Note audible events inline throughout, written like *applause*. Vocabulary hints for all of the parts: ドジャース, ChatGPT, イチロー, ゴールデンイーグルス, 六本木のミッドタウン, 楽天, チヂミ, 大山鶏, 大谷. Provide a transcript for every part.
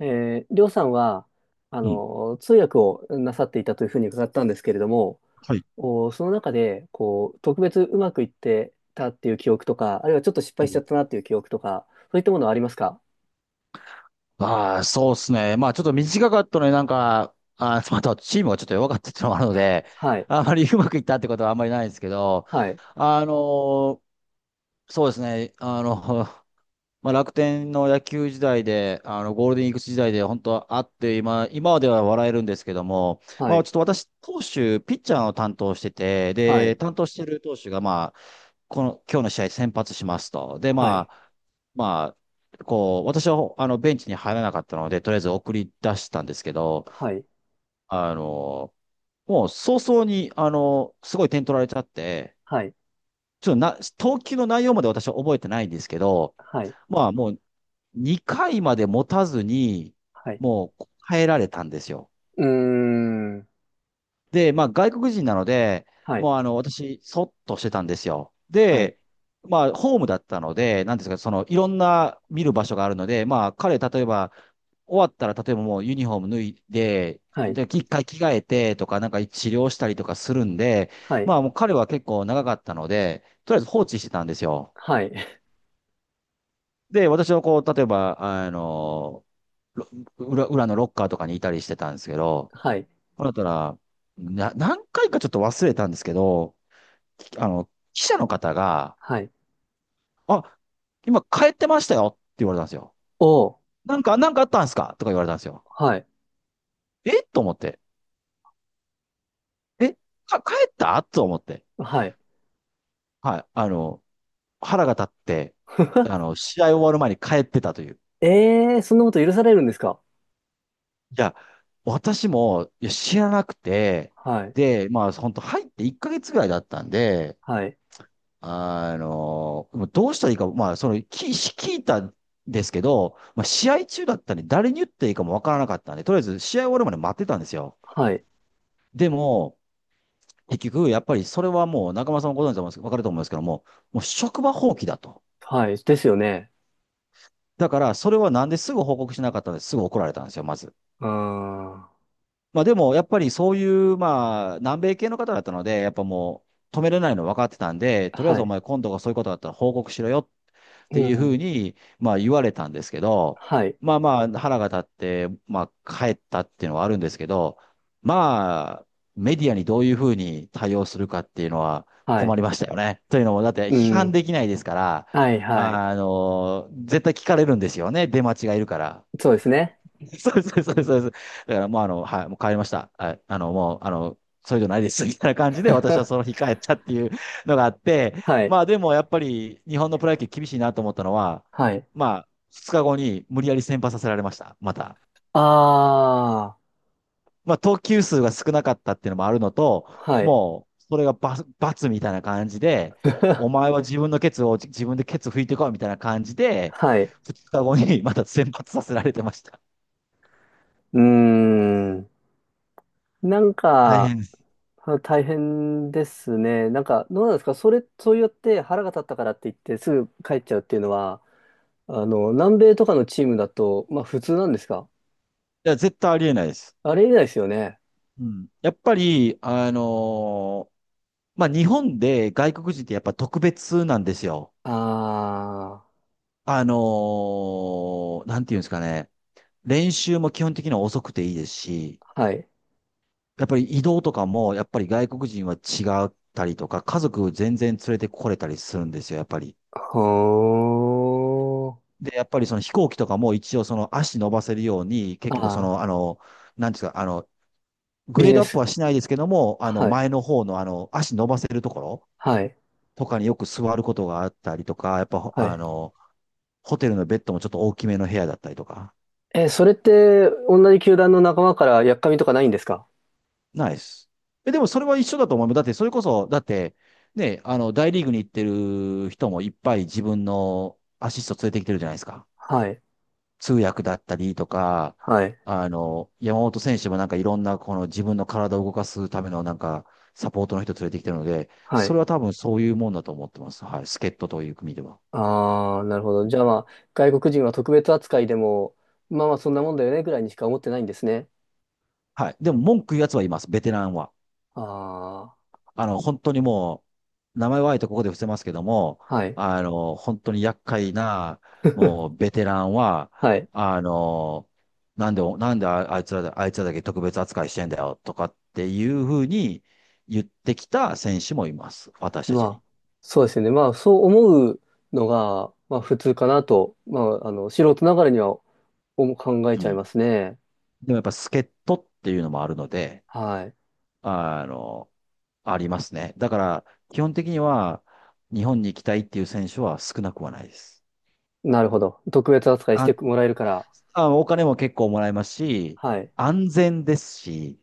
りょうさんは、うん。通訳をなさっていたというふうに伺ったんですけれども、はい。その中で、こう、特別うまくいってたっていう記憶とか、あるいはちょっと失う敗しちゃん。ったなっていう記憶とか、そういったものはありますか？ああ、そうですね。まあ、ちょっと短かったのになんか、*laughs* チームがちょっと弱かったっていうのもあるので、はい、あまりうまくいったってことはあんまりないんですけど、はい、あのーそうですね。*laughs* まあ、楽天の野球時代で、ゴールデンイーグルス時代で本当はあって、今までは笑えるんですけども、はまあ、い、ちょっと私、投手、ピッチャーを担当してて、はで、い、担当してる投手が、この、今日の試合先発しますと。で、はまい、あ、まあ、こう、私は、ベンチに入らなかったので、とりあえず送り出したんですけど、はい、あの、もう早々に、すごい点取られちゃって、はい、ちょっとな、投球の内容まで私は覚えてないんですけど、はい、まあもう2回まで持たずに、はい。もう変えられたんですよ。うーん、で、まあ外国人なので、はい、もう私、そっとしてたんですよ。はい、で、まあホームだったので、なんですか、そのいろんな見る場所があるので、まあ彼、例えば終わったら、例えばもうユニフォーム脱いで、はい、で、一回着替えてとか、なんか治療したりとかするんで、はまい、あもう彼は結構長かったので、とりあえず放置してたんですよ。はい、で、私はこう、例えば、ろ裏のロッカーとかにいたりしてたんですけど、はい、ほんだったら、何回かちょっと忘れたんですけど、記者の方が、はい。あ、今帰ってましたよって言われたんですよ。おー、なんかあったんですかとか言われたんですよ。はい、えと思って。え帰ったと思って。はい。はい。腹が立って、*laughs* 試合終わる前に帰ってたという。ええー、そんなこと許されるんですか？いや、私も、いや、知らなくて、はい。で、まあ、本当入って1ヶ月ぐらいだったんで、はい。もうどうしたらいいか、まあ、聞いたんですけど、まあ、試合中だったんで、誰に言っていいかもわからなかったんで、とりあえず試合終わるまで待ってたんですよ。はい。でも、結局、やっぱりそれはもう、中村さんもご存知だと思うんですけど、わかると思うんですけども、もう職場放棄だと。はい。ですよね。だから、それはなんですぐ報告しなかったんですぐ怒られたんですよ、まず。あまあ、でも、やっぱりそういう、まあ、南米系の方だったので、やっぱもう、止めれないの分かってたんで、あ。とりあえはずおい。前今度がそういうことだったら報告しろよっってういうふうん。に、まあ言われたんですけど、はい。まあまあ腹が立って、まあ帰ったっていうのはあるんですけど、まあ、メディアにどういうふうに対応するかっていうのはは困い。りましたよね。というのも、だってう批判ん。できないですから、はい、はい。絶対聞かれるんですよね、出待ちがいるから。そうですね。*laughs* そうです、そうです、そうです。だからもうはい、もう帰りました。はい、もう、それじゃないです、*laughs* みたいな感じで私はその *laughs* 日帰ったっていうのがあって、はい。まあでもやっぱり日本のプロ野球厳しいなと思ったのは、はい。まあ、2日後に無理やり先発させられました、また。ああ。まあ、投球数が少なかったっていうのもあるのと、はい。もう、それが罰、罰みたいな感じで、お *laughs* 前は自分のケツを自分でケツ拭いてこいみたいな感じで、はい。う2日後にまた先発させられてました。ーん。なん大か、変です。あ大変ですね。なんか、どうなんですかそれ、そうやって腹が立ったからって言ってすぐ帰っちゃうっていうのは、南米とかのチームだと、まあ普通なんですか？いや、絶対ありえないです。あれ以来ですよね。うん。やっぱり、まあ、日本で外国人ってやっぱ特別なんですよ。ああのなんていうんですかね。練習も基本的には遅くていいですし、あ。はい。やっぱり移動とかも、やっぱり外国人は違ったりとか、家族全然連れてこれたりするんですよ、やっぱり。ほーで、やっぱりその飛行機とかも一応その足伸ばせるように、結あ局あ、なんていうんですか、グビレジードネアップス。はしないですけども、はい。前の方の足伸ばせるところ、はい。とかによく座ることがあったりとか、やっぱはい。ホテルのベッドもちょっと大きめの部屋だったりとか。え、それって、同じ球団の仲間から、やっかみとかないんですか？ないです。え、でもそれは一緒だと思う。だって、それこそ、だって、ね、大リーグに行ってる人もいっぱい自分のアシスト連れてきてるじゃないですか。はい。通訳だったりとか、はい。山本選手もなんかいろんなこの自分の体を動かすためのなんかサポートの人連れてきてるので、はそい。れは多分そういうもんだと思ってます。はい。助っ人という組では。ああ、なるほど。じゃあまあ、外国人は特別扱いでも、まあまあ、そんなもんだよね、ぐらいにしか思ってないんですね。はい。でも文句言うやつはいます。ベテランは。あ本当にもう、名前はあえてここで伏せますけども、あ、はい。本当に厄介な、も *laughs* う、ベテランは、はい。あの、なんでああいつらだ、あいつらだけ特別扱いしてんだよ、とかっていうふうに言ってきた選手もいます。私たまちあ、に。そうですよね。まあ、そう思うのが、まあ、普通かなと、まあ、素人ながらには思考えうちゃいん。ますね。でもやっぱ、助っ人っていうのもあるので、はい。あの、ありますね。だから、基本的には、日本に行きたいっていう選手は少なくはないです。なるほど。特別扱いして安もらえるから。お金も結構もらえますし、はい。安全ですし、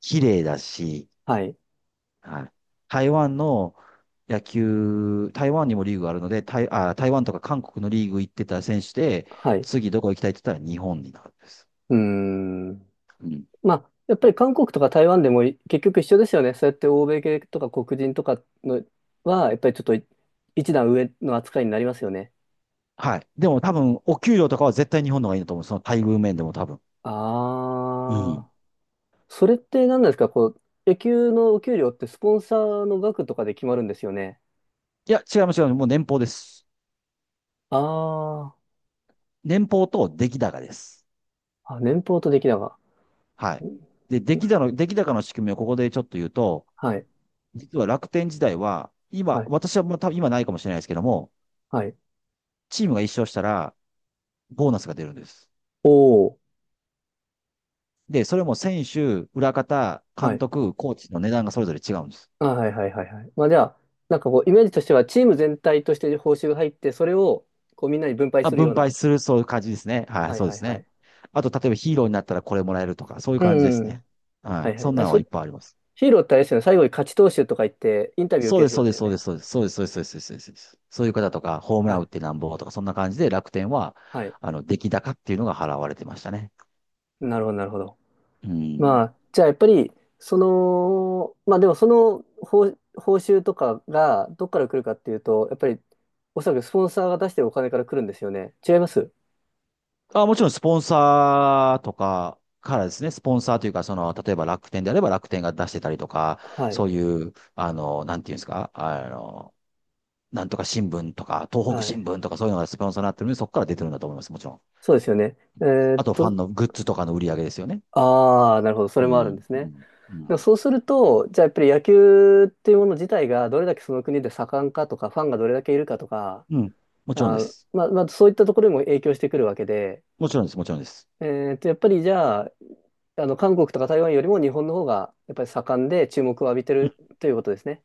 綺麗だし、はい。はい。台湾の野球、台湾にもリーグがあるので、台湾とか韓国のリーグ行ってた選手で、はい。次どこ行きたいって言ったら日本になるんです。うーん。うん。まあ、やっぱり韓国とか台湾でも結局一緒ですよね。そうやって欧米系とか黒人とかのは、やっぱりちょっと一段上の扱いになりますよね。はい。でも多分、お給料とかは絶対日本の方がいいなと思う。その待遇面でも多分。うん。あー。それって何なんですか、こう、野球のお給料ってスポンサーの額とかで決まるんですよね？いや、違います、違います。もう年俸です。あー。年俸と出来高です。あ、年俸と出来高。はうい。ん、で、出来高の仕組みをここでちょっと言うと、はい。実は楽天時代は、今、はい。私はもう多分今ないかもしれないですけども、はい。チームが1勝したら、ボーナスが出るんです。おお、で、それも選手、裏方、は監い。督、コーチの値段がそれぞれ違うんです。あ、はい、はい、はい、はい。まあじゃあ、なんかこう、イメージとしては、チーム全体として報酬が入って、それを、こう、みんなに分配まあ、するよ分う配な。する、そういう感じですね。はい、はい、そうではい、すはね。い。あと、例えばヒーローになったらこれもらえるとか、そういうう感じですね。ん。ははい。い、はそい。んなあ、のはいっぱいあります。ヒーローってあれですよね。最後に勝ち投手とか言って、インタビューそう受でけす、るそ人うでだす、よそうでね。す、そうです、そうです、そうです、そうです、そうです、そうです。そういう方とか、ホームはラン打っい。てなんぼとか、そんな感じで楽天は、はい。出来高っていうのが払われてましたね。なるほど、なるほど。うまん。あ、じゃあやっぱり、まあでもその報酬とかが、どっから来るかっていうと、やっぱり、おそらくスポンサーが出してるお金から来るんですよね。違います？あ、もちろんスポンサーとかからですね、スポンサーというか、その、例えば楽天であれば楽天が出してたりとか、はい。そういう、なんていうんですか、なんとか新聞とか、東北は新い。聞とかそういうのがスポンサーになってるので、そこから出てるんだと思います、もちろん。そうですよね。あと、ファンのグッズとかの売り上げですよね。ああ、なるほど。そうれもあるんでん、すうね。ん、うでもん。そうすると、じゃあやっぱり野球っていうもの自体がどれだけその国で盛んかとか、ファンがどれだけいるかとか、うん。もちろんであー、す。まあ、まあ、そういったところにも影響してくるわけで、もちろんです、もちろんです。えやっぱりじゃあ、韓国とか台湾よりも日本の方がやっぱり盛んで注目を浴びてうん、るということですね。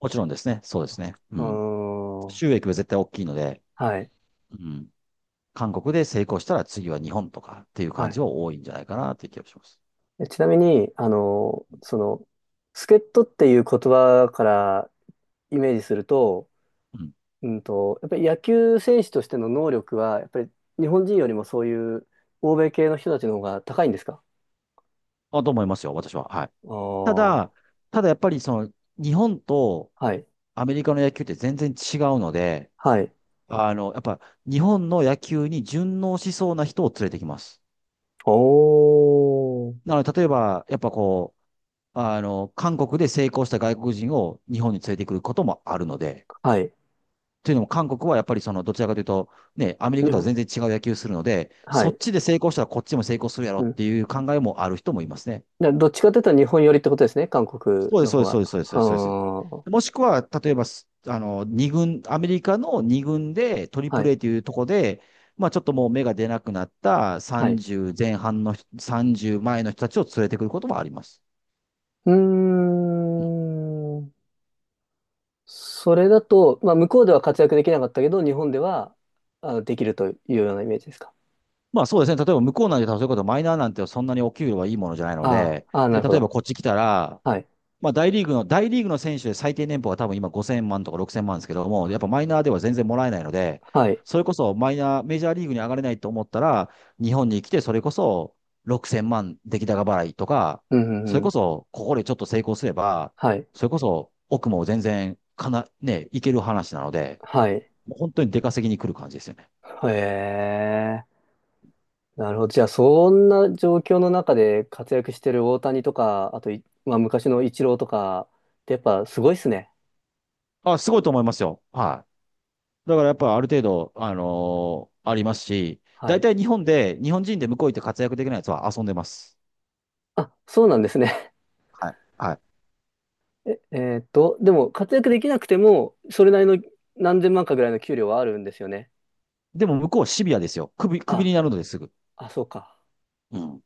もちろんですね、そうですね。ううん。ーん。収益は絶対大きいので、はい。うん。韓国で成功したら次は日本とかっていうは感い。じは多いんじゃないかなっていう気がします。ちなみに、助っ人っていう言葉からイメージすると、うん。やっぱり野球選手としての能力は、やっぱり日本人よりもそういう欧米系の人たちの方が高いんですか？あ、と思いますよ、私は。はい。たああ、だ、ただやっぱりその、日本とはい、アメリカの野球って全然違うので、はい。あの、やっぱ日本の野球に順応しそうな人を連れてきます。おー、なので、例えば、やっぱこう、あの、韓国で成功した外国人を日本に連れてくることもあるので、はい。というのも韓国はやっぱりその、どちらかというと、ね、アメリ日カとは本、全然違う野球するので、はそっい。ちで成功したらこっちも成功するやろうっん。ていう考えもある人もいますね。どっちかというと日本寄りってことですね、韓国そうです、のそう方です、そは。うです、そうあです、そうです。そうでー、す。もしくは、例えばす、あの、二軍、アメリカの二軍で、トリプはル い、A というとこで、まあちょっともう目が出なくなったはい。30前半の人、30前の人たちを連れてくることもあります。うーん。それだと、まあ、向こうでは活躍できなかったけど、日本では、あ、できるというようなイメージですか？まあそうですね。例えば向こうなんて、そういうことマイナーなんてそんなにお給料はいいものじゃないのあで、あ、ああ、なで、るほ例えばど。こっち来たら、はい。まあ、大リーグの選手で最低年俸は多分今5000万とか6000万ですけども、やっぱマイナーでは全然もらえないので、はい。それこそマイナー、メジャーリーグに上がれないと思ったら、日本に来てそれこそ6000万出来高払いとか、うん、うそれん、うこん。そここでちょっと成功すれば、はい。それこそ奥も全然かな、ね、いける話なので、はい。もう本当に出稼ぎに来る感じですよね。へえ。なるほど。じゃあ、そんな状況の中で活躍してる大谷とか、あとまあ、昔のイチローとかってやっぱすごいっすね。あ、すごいと思いますよ。はい。だからやっぱある程度、ありますし、は大い。体日本で、日本人で向こう行って活躍できないやつは遊んでます。あ、そうなんですね。は *laughs* え、えーっと、でも活躍できなくても、それなりの何千万かぐらいの給料はあるんですよね。い。でも向こうはシビアですよ。首あ、になるのですぐ。あ、そうか。うん。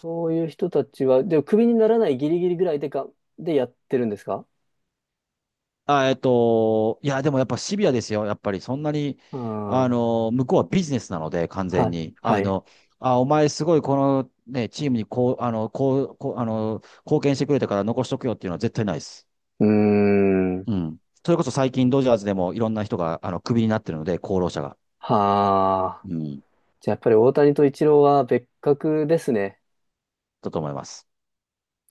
そういう人たちは、でもクビにならないギリギリぐらいでやってるんですか？いや、でもやっぱシビアですよ。やっぱりそんなに、うん。あはの、向こうはビジネスなので、完全い。に。はい。あ、お前すごいこのね、チームに貢献してくれたから残しとくよっていうのは絶対ないです。うーん。うん。それこそ最近ドジャースでもいろんな人が、あの、首になってるので、功労者が。はあ。うん。じゃあやっぱり大谷とイチローは別格ですね。だと思います。